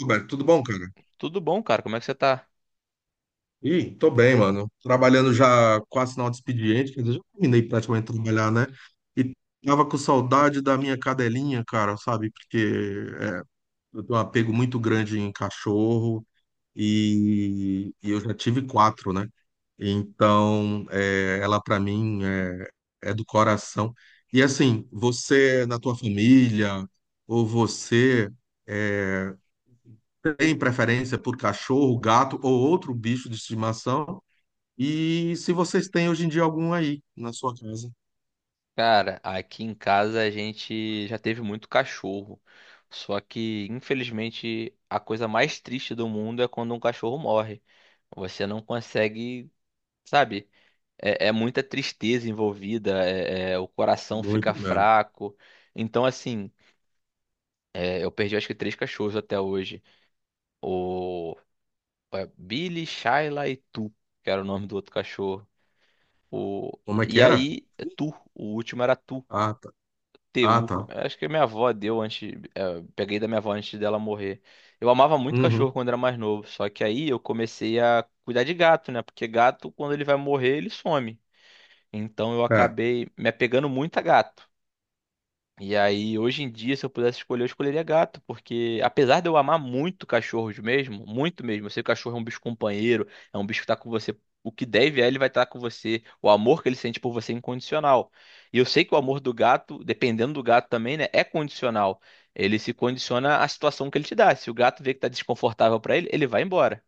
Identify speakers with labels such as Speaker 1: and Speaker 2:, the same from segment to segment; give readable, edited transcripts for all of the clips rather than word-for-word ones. Speaker 1: Roberto, tudo bom, cara?
Speaker 2: Tudo bom, cara? Como é que você tá?
Speaker 1: Tô bem, mano. Trabalhando já quase final de expediente, quer dizer, já terminei praticamente de trabalhar, né? E tava com saudade da minha cadelinha, cara, sabe? Porque é, eu tenho um apego muito grande em cachorro e, eu já tive quatro, né? Então, é, ela pra mim é, é do coração. E assim, você na tua família ou você é, têm preferência por cachorro, gato ou outro bicho de estimação. E se vocês têm hoje em dia algum aí na sua casa.
Speaker 2: Cara, aqui em casa a gente já teve muito cachorro. Só que, infelizmente, a coisa mais triste do mundo é quando um cachorro morre. Você não consegue, sabe? É muita tristeza envolvida, o coração fica
Speaker 1: Muito mesmo.
Speaker 2: fraco. Então, assim, é, eu perdi acho que três cachorros até hoje. O é, Billy, Shyla e Tu, que era o nome do outro cachorro. O,
Speaker 1: Como é que
Speaker 2: e
Speaker 1: era?
Speaker 2: aí, Tu, o último era Tu.
Speaker 1: Ah, tá. Ah,
Speaker 2: TU.
Speaker 1: tá.
Speaker 2: Acho que a minha avó deu antes. É, peguei da minha avó antes dela morrer. Eu amava muito
Speaker 1: Uhum.
Speaker 2: cachorro quando era mais novo. Só que aí eu comecei a cuidar de gato, né? Porque gato, quando ele vai morrer, ele some. Então eu
Speaker 1: É,
Speaker 2: acabei me apegando muito a gato. E aí, hoje em dia, se eu pudesse escolher, eu escolheria gato, porque apesar de eu amar muito cachorros mesmo, muito mesmo, eu sei que o cachorro é um bicho companheiro, é um bicho que tá com você, o que deve é ele vai estar com você, o amor que ele sente por você é incondicional. E eu sei que o amor do gato, dependendo do gato também, né, é condicional. Ele se condiciona à situação que ele te dá. Se o gato vê que tá desconfortável pra ele, ele vai embora.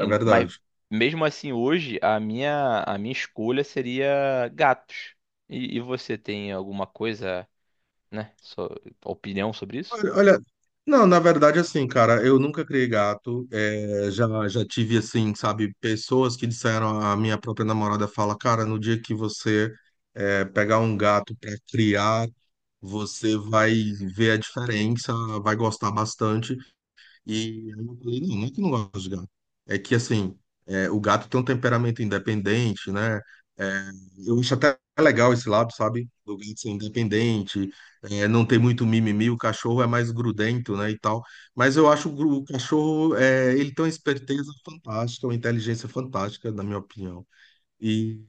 Speaker 1: é
Speaker 2: Mas
Speaker 1: verdade.
Speaker 2: mesmo assim, hoje, a minha escolha seria gatos. E você tem alguma coisa? Né? Sua opinião sobre isso?
Speaker 1: Olha, olha, não, na verdade, assim, cara, eu nunca criei gato. É, já tive, assim, sabe, pessoas que disseram, a minha própria namorada fala, cara, no dia que você pegar um gato para criar, você vai ver a diferença, vai gostar bastante. E aí eu falei, não, não é que eu não gosto de gato. É que, assim, é, o gato tem um temperamento independente, né? É, eu acho até legal esse lado, sabe? Do gato ser independente, é, não ter muito mimimi, o cachorro é mais grudento, né, e tal. Mas eu acho o, o cachorro, é, ele tem uma esperteza fantástica, uma inteligência fantástica, na minha opinião. E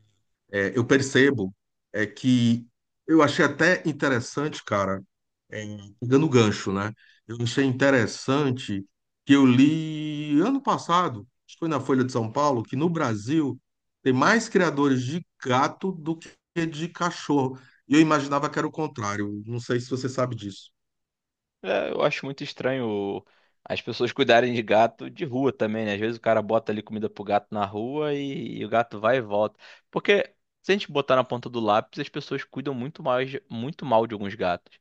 Speaker 1: é, eu percebo é que eu achei até interessante, cara, é, pegando o gancho, né? Eu achei interessante que eu li ano passado, acho que foi na Folha de São Paulo, que no Brasil tem mais criadores de gato do que de cachorro. E eu imaginava que era o contrário. Não sei se você sabe disso.
Speaker 2: É, eu acho muito estranho as pessoas cuidarem de gato de rua também, né? Às vezes o cara bota ali comida pro gato na rua e o gato vai e volta. Porque se a gente botar na ponta do lápis, as pessoas cuidam muito mais, muito mal de alguns gatos.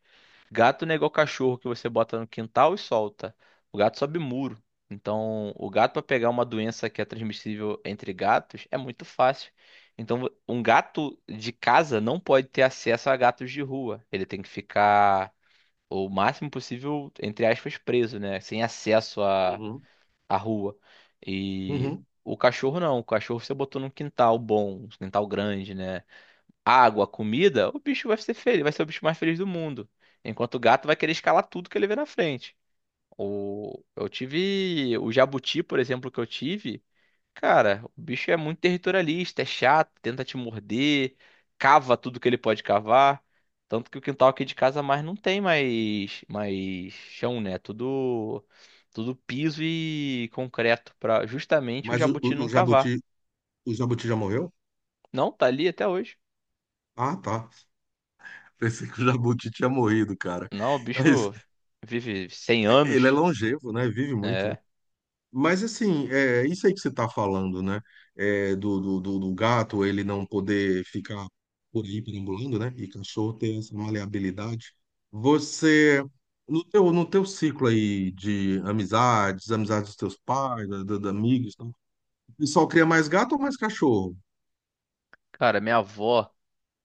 Speaker 2: Gato não é igual cachorro que você bota no quintal e solta. O gato sobe muro. Então, o gato para pegar uma doença que é transmissível entre gatos é muito fácil. Então, um gato de casa não pode ter acesso a gatos de rua. Ele tem que ficar o máximo possível, entre aspas, preso, né? Sem acesso à,
Speaker 1: Uhum.
Speaker 2: à rua. E
Speaker 1: Uhum.
Speaker 2: o cachorro não. O cachorro você botou num quintal bom, um quintal grande, né? Água, comida, o bicho vai ser feliz, vai ser o bicho mais feliz do mundo. Enquanto o gato vai querer escalar tudo que ele vê na frente. O, eu tive o jabuti, por exemplo, que eu tive. Cara, o bicho é muito territorialista, é chato, tenta te morder, cava tudo que ele pode cavar. Tanto que o quintal aqui de casa mais não tem mais chão, né? É tudo, tudo piso e concreto para justamente o
Speaker 1: Mas
Speaker 2: jabuti não cavar.
Speaker 1: o Jabuti já morreu?
Speaker 2: Não, tá ali até hoje.
Speaker 1: Ah, tá. Pensei que o Jabuti tinha morrido, cara.
Speaker 2: Não, o
Speaker 1: Mas
Speaker 2: bicho vive 100
Speaker 1: ele é
Speaker 2: anos.
Speaker 1: longevo, né? Vive muito, né?
Speaker 2: É.
Speaker 1: Mas assim, é isso aí que você está falando, né? É, do gato ele não poder ficar por aí perambulando, né? E cachorro ter essa maleabilidade. Você, no teu ciclo aí de amizades, amizades dos teus pais, da amigos, e tal, o pessoal cria mais gato ou mais cachorro?
Speaker 2: Cara, minha avó,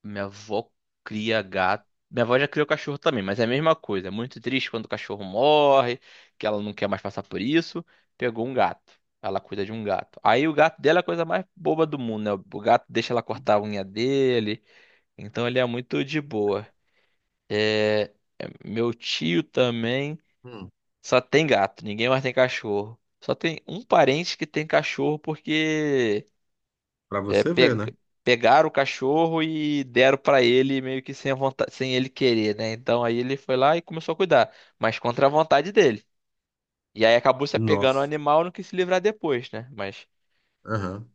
Speaker 2: minha avó cria gato. Minha avó já criou cachorro também, mas é a mesma coisa. É muito triste quando o cachorro morre, que ela não quer mais passar por isso. Pegou um gato. Ela cuida de um gato. Aí o gato dela é a coisa mais boba do mundo, né? O gato deixa ela cortar a unha dele. Então ele é muito de boa. É, é, meu tio também
Speaker 1: Hum,
Speaker 2: só tem gato, ninguém mais tem cachorro. Só tem um parente que tem cachorro porque
Speaker 1: para
Speaker 2: é,
Speaker 1: você ver, né?
Speaker 2: pegaram o cachorro e deram pra ele meio que sem a vontade, sem ele querer, né? Então aí ele foi lá e começou a cuidar, mas contra a vontade dele. E aí acabou se apegando ao
Speaker 1: Nossa.
Speaker 2: animal e não quis se livrar depois, né? Mas
Speaker 1: Aham.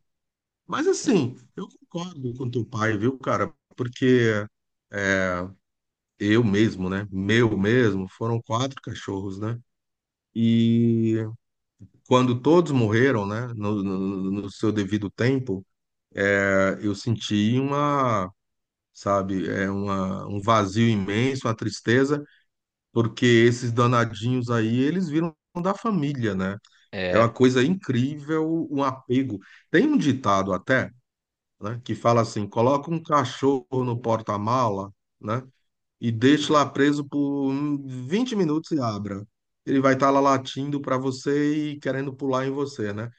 Speaker 1: Mas assim, eu concordo com teu pai, viu, cara? Porque eu mesmo, né? Meu mesmo, foram quatro cachorros, né? E quando todos morreram, né, no seu devido tempo, eu senti uma, sabe, é uma, um vazio imenso, uma tristeza, porque esses danadinhos aí, eles viram da família, né? É
Speaker 2: é,
Speaker 1: uma coisa incrível o apego. Tem um ditado até, né, que fala assim: coloca um cachorro no porta-mala, né, e deixa lá preso por 20 minutos e abra. Ele vai estar lá latindo para você e querendo pular em você, né?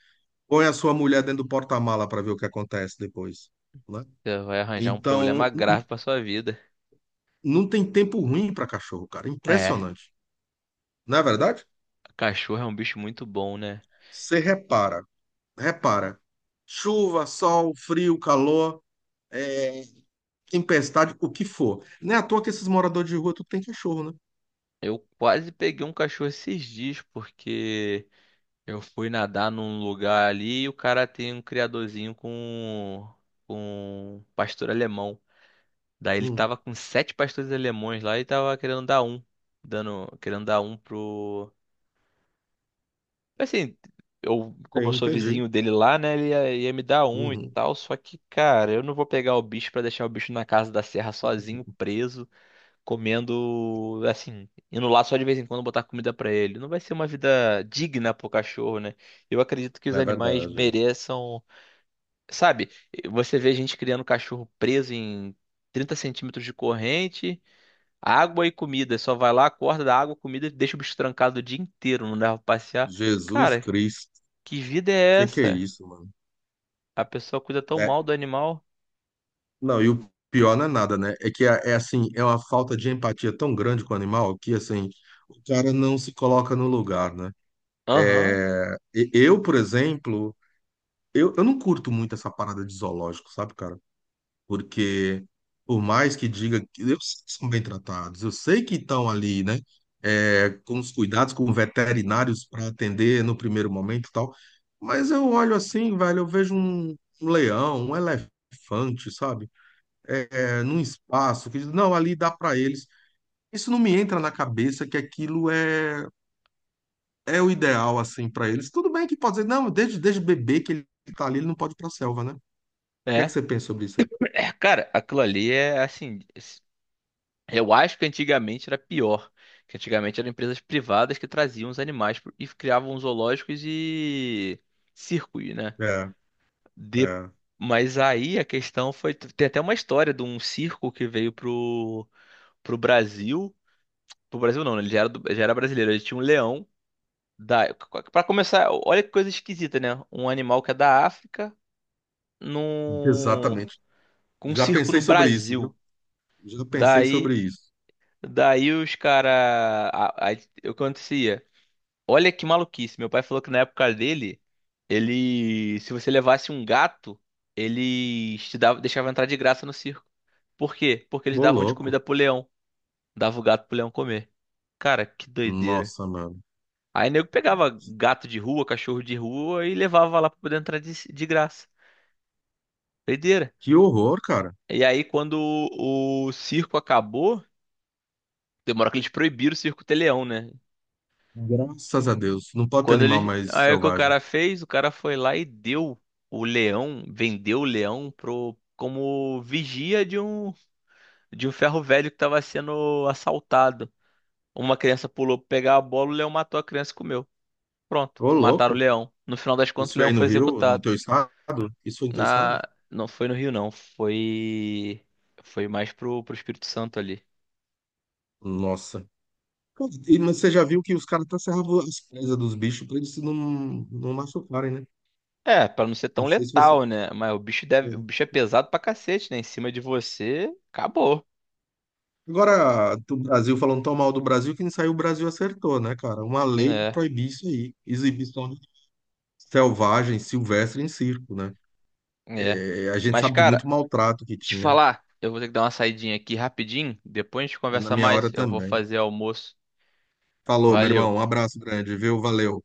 Speaker 1: Põe a sua mulher dentro do porta-mala para ver o que acontece depois, né?
Speaker 2: você vai arranjar um
Speaker 1: Então,
Speaker 2: problema grave pra sua vida.
Speaker 1: não tem tempo ruim para cachorro, cara.
Speaker 2: É,
Speaker 1: Impressionante. Não é verdade?
Speaker 2: cachorro é um bicho muito bom, né?
Speaker 1: Você repara, repara. Chuva, sol, frio, calor, é, tempestade, o que for. Não é à toa que esses moradores de rua tudo tem cachorro, né?
Speaker 2: Eu quase peguei um cachorro esses dias porque eu fui nadar num lugar ali e o cara tem um criadorzinho com pastor alemão. Daí ele
Speaker 1: Hum,
Speaker 2: tava com sete pastores alemães lá e tava querendo dar um. Dando, querendo dar um pro. Assim, eu, como eu
Speaker 1: tem,
Speaker 2: sou
Speaker 1: entendi.
Speaker 2: vizinho dele lá, né? Ele ia me dar um e
Speaker 1: Uhum.
Speaker 2: tal. Só que, cara, eu não vou pegar o bicho pra deixar o bicho na casa da serra sozinho, preso, comendo, assim, indo lá só de vez em quando botar comida pra ele. Não vai ser uma vida digna pro cachorro, né? Eu acredito que os
Speaker 1: É
Speaker 2: animais
Speaker 1: verdade. É.
Speaker 2: mereçam. Sabe, você vê gente criando cachorro preso em 30 centímetros de corrente. Água e comida. Só vai lá, acorda, dá água, comida e deixa o bicho trancado o dia inteiro, não leva pra passear.
Speaker 1: Jesus
Speaker 2: Cara,
Speaker 1: Cristo.
Speaker 2: que vida
Speaker 1: O
Speaker 2: é
Speaker 1: que que é
Speaker 2: essa?
Speaker 1: isso, mano?
Speaker 2: A pessoa cuida tão
Speaker 1: É.
Speaker 2: mal do animal.
Speaker 1: Não, e o pior não é nada, né? É que é, é assim, é uma falta de empatia tão grande com o animal que assim, o cara não se coloca no lugar, né?
Speaker 2: Aham,
Speaker 1: É, eu, por exemplo, eu não curto muito essa parada de zoológico, sabe, cara? Porque por mais que diga que eu sei que são bem tratados, eu sei que estão ali, né? É, com os cuidados com veterinários para atender no primeiro momento e tal. Mas eu olho assim, velho, eu vejo um leão, um elefante, sabe? É, é, num espaço, que diz, não, ali dá para eles. Isso não me entra na cabeça que aquilo é, é o ideal, assim, para eles. Tudo bem que pode dizer, não, desde bebê que ele está ali, ele não pode ir para a selva, né? O que é que
Speaker 2: é.
Speaker 1: você pensa sobre isso? aí?
Speaker 2: É, cara, aquilo ali é assim. Eu acho que antigamente era pior. Que antigamente eram empresas privadas que traziam os animais e criavam zoológicos e circos, né?
Speaker 1: É,
Speaker 2: De...
Speaker 1: é,
Speaker 2: Mas aí a questão foi. Tem até uma história de um circo que veio pro Brasil. Pro Brasil não, né? Ele já era, já era brasileiro. Ele tinha um leão da. Pra começar, olha que coisa esquisita, né? Um animal que é da África num...
Speaker 1: exatamente.
Speaker 2: com um
Speaker 1: Já
Speaker 2: circo no
Speaker 1: pensei sobre isso, viu?
Speaker 2: Brasil.
Speaker 1: Já pensei sobre
Speaker 2: Daí,
Speaker 1: isso.
Speaker 2: daí os caras. O que acontecia? Olha que maluquice. Meu pai falou que na época dele, ele. Se você levasse um gato, eles te dava... deixavam entrar de graça no circo. Por quê? Porque eles
Speaker 1: Ô,
Speaker 2: davam de comida
Speaker 1: louco.
Speaker 2: pro leão. Dava o gato pro leão comer. Cara, que doideira.
Speaker 1: Nossa, mano.
Speaker 2: Aí nego pegava gato de rua, cachorro de rua e levava lá pra poder entrar de graça. Doideira.
Speaker 1: Que horror, cara.
Speaker 2: E aí, quando o circo acabou, demora que eles proibiram o circo ter leão, né?
Speaker 1: Graças a Deus. Não pode ter
Speaker 2: Quando
Speaker 1: animal
Speaker 2: eles.
Speaker 1: mais
Speaker 2: Aí o que o
Speaker 1: selvagem.
Speaker 2: cara fez? O cara foi lá e deu o leão, vendeu o leão como vigia de um ferro velho que tava sendo assaltado. Uma criança pulou pra pegar a bola, o leão matou a criança e comeu. Pronto,
Speaker 1: Ô,
Speaker 2: mataram o
Speaker 1: louco.
Speaker 2: leão. No final das contas, o
Speaker 1: Isso
Speaker 2: leão
Speaker 1: aí no
Speaker 2: foi
Speaker 1: Rio, no
Speaker 2: executado.
Speaker 1: teu estado? Isso aí no teu
Speaker 2: Na...
Speaker 1: estado?
Speaker 2: Não foi no Rio, não. Foi. Foi mais pro Espírito Santo ali.
Speaker 1: Nossa. E, mas você já viu que os caras até serravam as presas dos bichos pra eles não, não machucarem, né?
Speaker 2: É, pra não ser tão
Speaker 1: Não sei se você.
Speaker 2: letal, né? Mas o bicho deve. O
Speaker 1: É.
Speaker 2: bicho é pesado pra cacete, né? Em cima de você, acabou.
Speaker 1: Agora, do Brasil, falando tão mal do Brasil, quem saiu o Brasil acertou, né, cara? Uma lei pra
Speaker 2: É,
Speaker 1: proibir isso aí. Exibição selvagem, silvestre em circo, né?
Speaker 2: é.
Speaker 1: É, a gente
Speaker 2: Mas,
Speaker 1: sabe de muito
Speaker 2: cara,
Speaker 1: maltrato que
Speaker 2: te
Speaker 1: tinha.
Speaker 2: falar, eu vou ter que dar uma saidinha aqui rapidinho. Depois a gente
Speaker 1: Na
Speaker 2: conversa
Speaker 1: minha hora
Speaker 2: mais. Eu vou
Speaker 1: também.
Speaker 2: fazer almoço.
Speaker 1: Falou, meu
Speaker 2: Valeu.
Speaker 1: irmão. Um abraço grande, viu? Valeu.